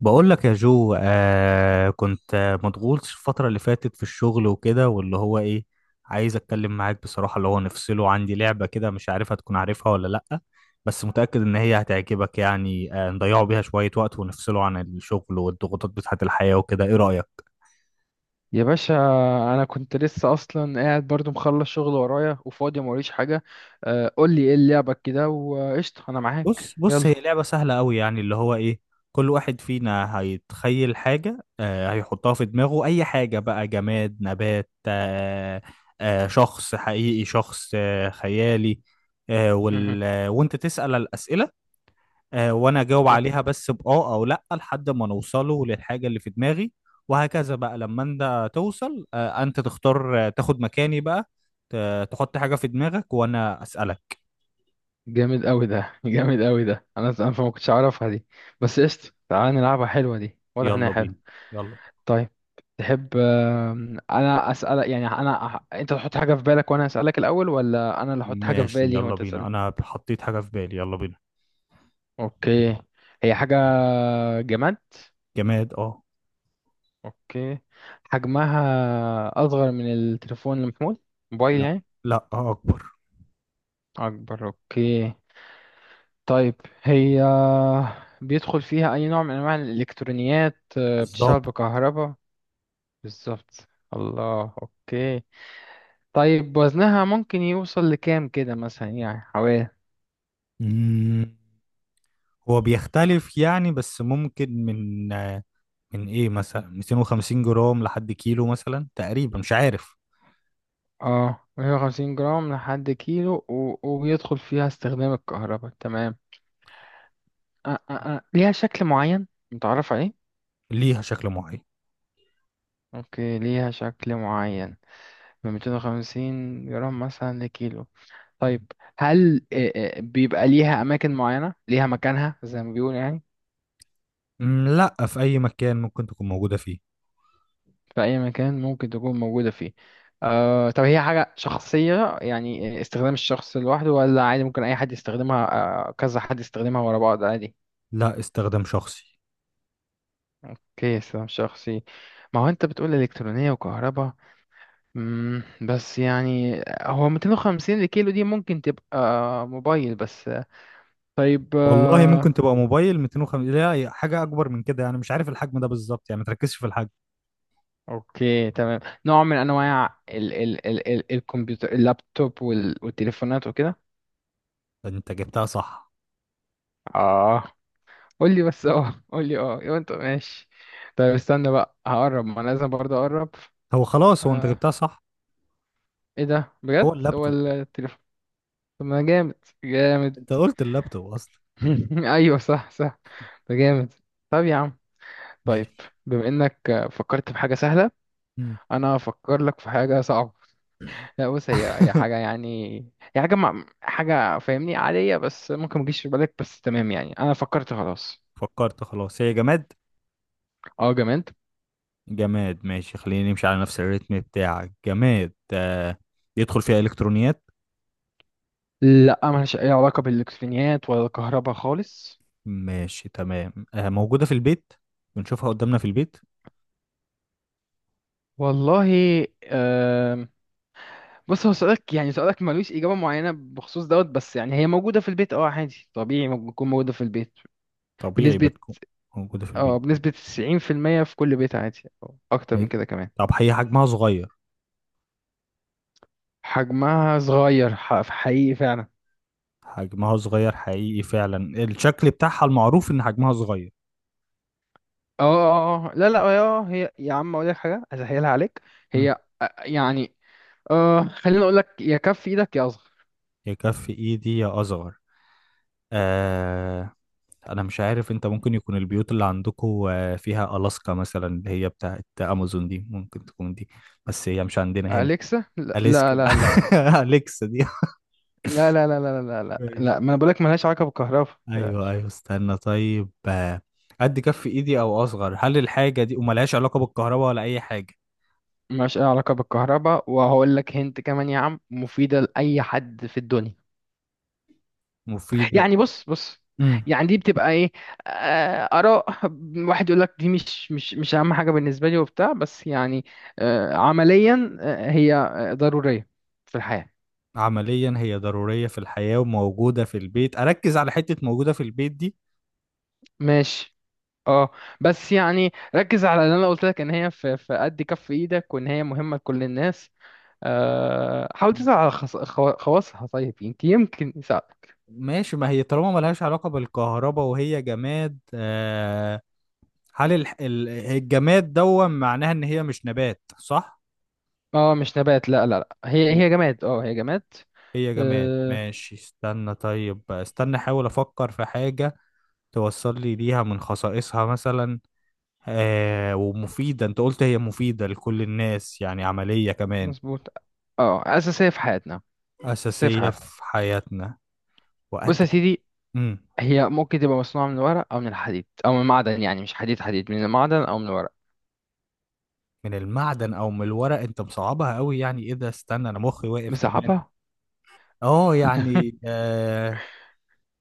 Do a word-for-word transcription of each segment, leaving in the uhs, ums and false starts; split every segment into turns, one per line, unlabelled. بقول لك يا جو، آه كنت آه، مضغوط الفترة اللي فاتت في الشغل وكده، واللي هو ايه عايز اتكلم معاك بصراحة. اللي هو نفصله، عندي لعبة كده مش عارف هتكون عارفها ولا لأ، بس متأكد ان هي هتعجبك. يعني آه نضيعوا بيها شوية وقت ونفصله عن الشغل والضغوطات بتاعة الحياة وكده. ايه رأيك؟
يا باشا، انا كنت لسه اصلا قاعد برضو مخلص شغل ورايا وفاضي موريش حاجه. آه، قول لي ايه لعبك كده وقشطه، انا
بص
معاك
بص
يلا.
هي لعبة سهلة قوي. يعني اللي هو ايه، كل واحد فينا هيتخيل حاجة، آه هيحطها في دماغه، اي حاجة بقى: جماد، نبات آه آه شخص حقيقي، شخص آه خيالي، آه
مهم.
وال... آه، وانت تسأل الأسئلة، آه وانا اجاوب
أوه.
عليها بس بآه او لأ لحد ما نوصله للحاجة اللي في دماغي. وهكذا بقى، لما انت توصل آه انت تختار، آه، تاخد مكاني بقى، ت- تحط حاجة في دماغك وانا أسألك.
جامد قوي ده جامد قوي ده. انا انا ما كنتش اعرفها دي. بس قشطه تعال نلعبها، حلوه دي، واضح انها
يلا
حلوه.
بينا. يلا.
طيب تحب آم، انا اسالك يعني، انا أح- انت تحط حاجه في بالك وانا اسالك الاول، ولا انا اللي احط حاجه في
ماشي
بالي
يلا
وانت
بينا،
تسالني؟
انا حطيت حاجة في بالي، يلا بينا.
اوكي. هي حاجه. جماد.
جماد اه.
اوكي. حجمها اصغر من التليفون المحمول، موبايل
لا.
يعني.
لا اه اكبر.
اكبر، اوكي. طيب هي بيدخل فيها اي نوع من انواع الالكترونيات، آه، بتشتغل
بالظبط.
بكهرباء؟ بالظبط. الله، اوكي. طيب وزنها ممكن يوصل لكام كده مثلا يعني، حوالي
مم، هو بيختلف يعني، بس ممكن من آه، من ايه مثلا مئتين وخمسين جرام لحد كيلو مثلا، تقريبا مش عارف.
اه مية وخمسين جرام لحد كيلو و... وبيدخل فيها استخدام الكهرباء، تمام. آه آه آه. ليها شكل معين متعرف عليه؟
ليها شكل معين.
اوكي ليها شكل معين من 250 جرام مثلا لكيلو. طيب هل آه، آه، بيبقى ليها أماكن معينة ليها مكانها زي ما بيقول يعني؟
مم، لا، في اي مكان ممكن تكون موجودة فيه.
في أي مكان ممكن تكون موجودة فيه. آه طب هي حاجة شخصية يعني استخدام الشخص لوحده، ولا عادي ممكن أي حد يستخدمها؟ آه كذا حد يستخدمها ورا بعض عادي؟
لا، استخدام شخصي.
اوكي استخدام شخصي. ما هو أنت بتقول إلكترونية وكهرباء، مم، بس يعني هو مئتين وخمسين لكيلو دي ممكن تبقى موبايل بس. طيب
والله ممكن
آه،
تبقى موبايل، مئتين وخمسين لا هي حاجة اكبر من كده. انا مش عارف الحجم ده بالظبط، يعني ما تركزش في الحجم.
اوكي تمام. نوع من انواع ال ال ال ال الكمبيوتر، اللابتوب، وال والتليفونات وكده.
انت جبتها صح.
اه، قول لي بس اه قول لي اه، يبقى انت ماشي. طيب استنى بقى هقرب، ما أنا لازم برضه اقرب.
هو خلاص، هو انت
آه.
جبتها صح.
ايه ده
هو
بجد، هو
اللابتوب.
التليفون؟ طب ما جامد، جامد.
انت قلت اللابتوب اصلا.
ايوه صح، صح، ده جامد. طب يا عم، طيب.
ماشي.
بما انك فكرت في حاجة سهلة،
مم.
انا هفكر لك في حاجة صعبة. لا بص، هي هي حاجة يعني، هي حاجة مع... حاجة فاهمني عادية، بس ممكن ما تجيش في بالك، بس تمام يعني. أنا فكرت خلاص.
فكرت خلاص، هي جماد.
اه جامد.
جماد ماشي، خلينا نمشي على نفس الريتم بتاعك. جماد آه يدخل فيها إلكترونيات.
لا ملهاش أي علاقة بالإلكترونيات ولا الكهرباء خالص.
ماشي تمام. آه موجودة في البيت، بنشوفها قدامنا في البيت.
والله، آم، بص هو سؤالك يعني، سؤالك ملوش إجابة معينة بخصوص دوت، بس يعني هي موجودة في البيت، اه عادي طبيعي ممكن تكون موجودة في البيت.
طبيعي
بنسبة
بتكون موجودة في
اه،
البيت.
بنسبة تسعين في المية في المية، في كل بيت عادي أو أكتر من كده كمان.
طب هي حجمها صغير.
حجمها صغير، ح- في حقيقي فعلا.
حجمها صغير حقيقي فعلا، الشكل بتاعها المعروف إن حجمها صغير.
اه اه آه. لا لا اه، هي يا عم اقول لك حاجه اسهلها عليك.
مم.
هي آه، يعني آه خليني اقول لك، يا كف ايدك يا اصغر.
يكفي إيدي يا أصغر. آه انا مش عارف، انت ممكن يكون البيوت اللي عندكم فيها الاسكا مثلا اللي هي بتاعت امازون دي، ممكن تكون دي. بس هي مش عندنا هنا.
اليكسا؟ لا
اليسكا.
لا لا لا
اليكسا دي.
لا لا لا لا لا لا لا لا،
ماشي.
ما انا بقول لك ملهاش علاقه بالكهرباء.
ايوه ايوه، استنى طيب. آه، قد كف ايدي او اصغر، هل الحاجه دي وملهاش علاقه بالكهرباء ولا اي حاجه؟
ملهاش أي علاقه بالكهرباء، وهقول لك هنت كمان يا عم، مفيده لاي حد في الدنيا.
مفيده.
يعني بص، بص،
امم.
يعني دي بتبقى ايه، آه، اراء، واحد يقول لك دي مش مش مش اهم حاجه بالنسبه لي وبتاع، بس يعني آه، عمليا آه، هي آه، ضروريه في الحياه.
عمليا هي ضروريه في الحياه وموجوده في البيت، اركز على حته موجوده في البيت دي.
ماشي. اه، بس يعني ركز على اللي انا قلت لك ان هي في في قد كف ايدك، وان هي مهمه لكل الناس. آه، حاول تسعى على خص- خوا- خواصها، طيب يمكن، يمكن يساعد.
ماشي، ما هي طالما ملهاش علاقه بالكهرباء وهي جماد. آه هل الح... ال- الجماد دون معناها ان هي مش نبات صح؟
اه مش نبات، لا لا لا هي
م-
هي جماد، اه هي جماد.
هي جماد
آه،
ماشي. استنى طيب، استنى احاول افكر في حاجة توصل لي ليها من خصائصها مثلا. آه ومفيدة، انت قلت هي مفيدة لكل الناس، يعني عملية كمان.
مظبوط، اه اساسيه في حياتنا. اساسيه في
أساسية
حياتنا.
في حياتنا
بص
وقد
يا
كده.
سيدي،
امم.
هي ممكن تبقى مصنوعة من الورق أو من الحديد أو من المعدن، يعني مش حديد، حديد من المعدن أو من الورق.
من المعدن او من الورق، انت مصعبها قوي. يعني ايه ده، استنى انا مخي واقف كمان.
مصعبها؟
اه يعني آه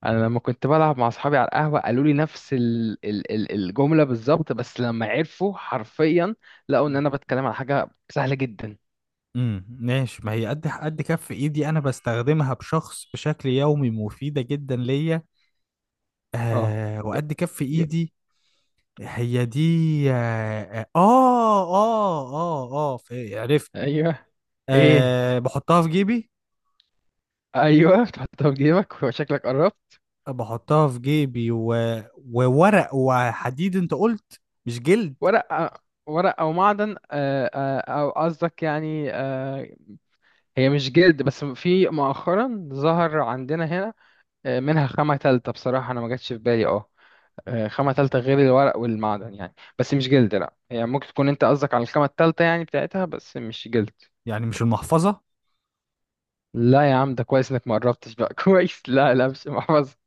أنا لما كنت بلعب مع أصحابي على القهوة قالوا لي نفس ال ال ال الجملة بالظبط، بس لما عرفوا حرفيا لقوا إن أنا بتكلم على حاجة سهلة جدا.
امم ماشي، ما هي قد قد كف ايدي، انا بستخدمها بشخص بشكل يومي، مفيده جدا ليا
أه.
آه
ي-
وقد كف
ي-
ايدي. هي دي. اه اه اه اه, آه في- عرفت.
أيوه. إيه،
آه بحطها في جيبي.
أيوه تحطها في جيبك، وشكلك قربت.
بحطها في جيبي و... وورق وحديد انت قلت، مش جلد.
ورق. ورق أو معدن، آه، آه، أو قصدك يعني آه، هي مش جلد، بس في مؤخرا
مم.
ظهر عندنا هنا آه، منها خامة تالتة، بصراحة أنا ما جاتش في بالي اه، آه، خامة تالتة غير الورق والمعدن يعني، بس مش جلد. لا هي ممكن تكون أنت قصدك على الخامة التالتة يعني بتاعتها، بس مش جلد.
يعني مش المحفظه.
لا يا عم ده كويس إنك ما قربتش بقى. كويس. لا لا، مش محفظة.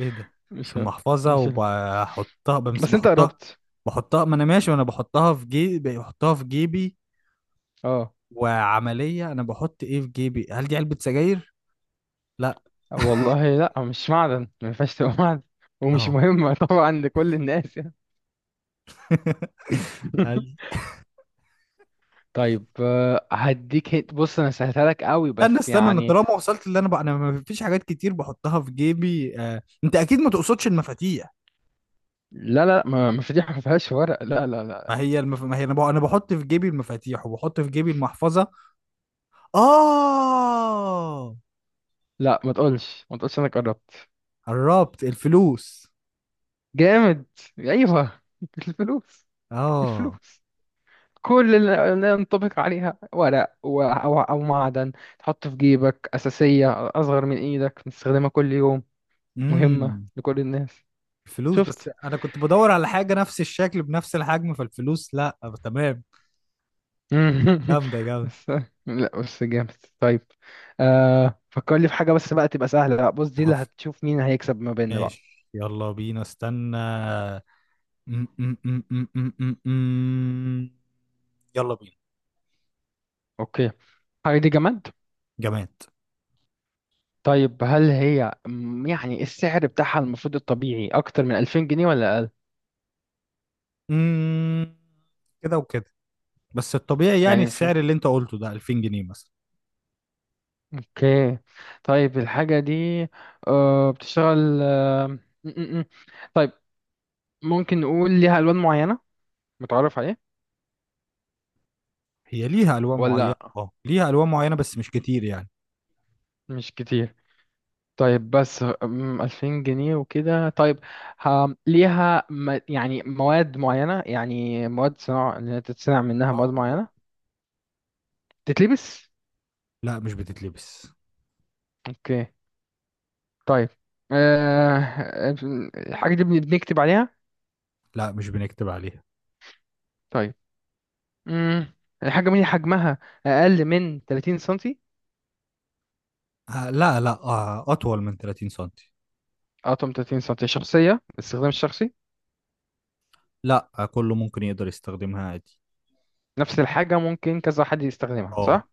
ايه ده، مش
مش،
المحفظه،
مش،
وبحطها بمس
بس أنت
بحطها.
قربت.
بحطها ما انا ماشي وانا بحطها في جيبي، بحطها في جيبي
اه
وعملية. أنا بحط إيه في جيبي؟ هل دي علبة سجاير؟ لا.
والله لا مش معدن، ما ينفعش تبقى معدن. ومش
أهو.
مهمة طبعا لكل الناس يعني.
هل
طيب آه، هديك هيت، بص انا سهلتها لك قوي
استنى
بس
استنى، أنا
يعني.
طالما وصلت اللي أنا بقى أنا، ما فيش حاجات كتير بحطها في جيبي. آه. أنت أكيد ما تقصدش المفاتيح؟
لا لا، ما ما فضيحة، ما فيهاش ورق، لا لا لا.
ما هي المف... ما هي أنا، بح... أنا بحط في جيبي المفاتيح وبحط في جيبي المحفظة. آه
لا ما تقولش، ما تقولش انا قربت.
قربت الفلوس.
جامد. ايوه الفلوس.
آه.
الفلوس. كل اللي اللي ينطبق عليها ورق و- او او معدن تحطه في جيبك، اساسية، اصغر من ايدك، بتستخدمها كل يوم، مهمة
امم.
لكل الناس.
الفلوس. بس
شفت؟
أنا كنت بدور على حاجة نفس الشكل بنفس الحجم، فالفلوس لا، آه، تمام. جامدة جامدة.
بس. لا بس جامد. طيب آه فكر لي في حاجة بس بقى تبقى سهلة، لا بص دي اللي هتشوف مين هيكسب ما بيننا بقى.
ماشي يلا بينا، استنى. م- م- م- م- م- م- م. يلا بينا.
اوكي. حاجة دي جماد.
جماد.
طيب هل هي م- يعني السعر بتاعها المفروض الطبيعي أكتر من ألفين جنيه ولا أقل؟
م- كده وكده، بس الطبيعي يعني
يعني في.
السعر اللي انت قلته ده ألفين جنيه مثلا.
أوكي. طيب الحاجة دي آه، بتشتغل آه، م- م- م. طيب ممكن نقول ليها ألوان معينة متعرف عليه،
هي ليها الوان معينه،
ولا
اه ليها الوان معينه بس مش كتير يعني.
مش كتير؟ طيب بس م، ألفين جنيه وكده، طيب ها- ليها م- يعني مواد معينة، يعني مواد صناعة اللي هي تتصنع منها
اه
مواد
آه.
معينة. تتلبس؟
لا مش بتتلبس.
أوكي. طيب آه... آه، الحاجة دي بن- بنكتب عليها؟
لا مش بنكتب عليها.
طيب. مم. الحاجة دي حجمها أقل من ثلاثين سنتي.
آه لا لا آه اطول من ثلاثين سنتي.
أطول من ثلاثين سنتي شخصية باستخدام الشخصي.
لا آه كله ممكن يقدر يستخدمها عادي.
نفس الحاجة ممكن كذا حد يستخدمها
اه.
صح؟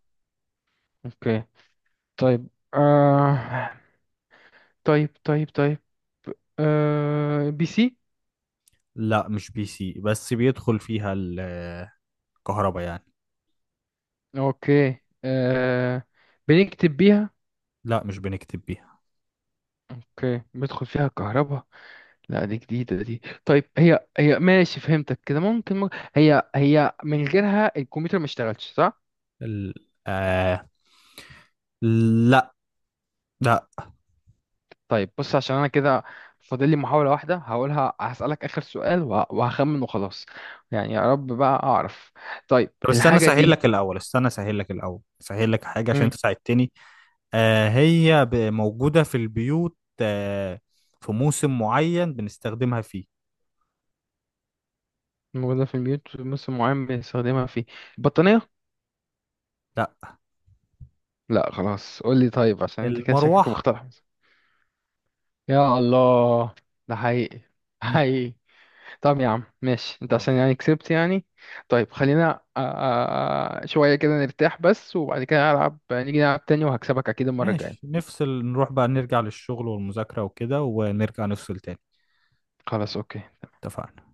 أوكي. طيب آه... طيب طيب طيب آه... بي سي؟
لا مش بي سي، بس بيدخل فيها الكهرباء يعني.
أوكي آه... بنكتب بيها؟
لا مش بنكتب بيها.
أوكي بيدخل فيها كهرباء. لا دي جديدة دي، طيب هي هي ماشي فهمتك كده، ممكن, ممكن هي هي من غيرها الكمبيوتر ما اشتغلش صح؟
ال... آه... لا. لا.
طيب بص عشان أنا كده فاضل لي محاولة واحدة هقولها، هسألك آخر سؤال وه- وهخمن وخلاص. يعني يا رب بقى أعرف. طيب
طب استنى
الحاجة
اسهل
دي.
لك الاول، استنى اسهل لك الاول اسهل لك حاجه عشان انت
مم.
ساعدتني. آه هي ب- موجوده في البيوت، آه في موسم معين بنستخدمها فيه.
موجودة في البيوت، موسم معين بنستخدمها فيه. البطانية؟
لا.
لا خلاص قول لي، طيب عشان أنت كده شكلك
المروحه.
مخترع. يا الله، ده حقيقي،
مم،
حقيقي. طب يا عم ماشي، انت
خلاص
عشان يعني كسبت يعني. طيب خلينا آه، آه، آه، شوية كده نرتاح بس، وبعد كده هلعب، نيجي نلعب تاني وهكسبك اكيد المرة
ماشي.
الجاية.
نفصل نروح بقى نرجع للشغل والمذاكره وكده، ونرجع نفصل تاني.
خلاص اوكي.
اتفقنا.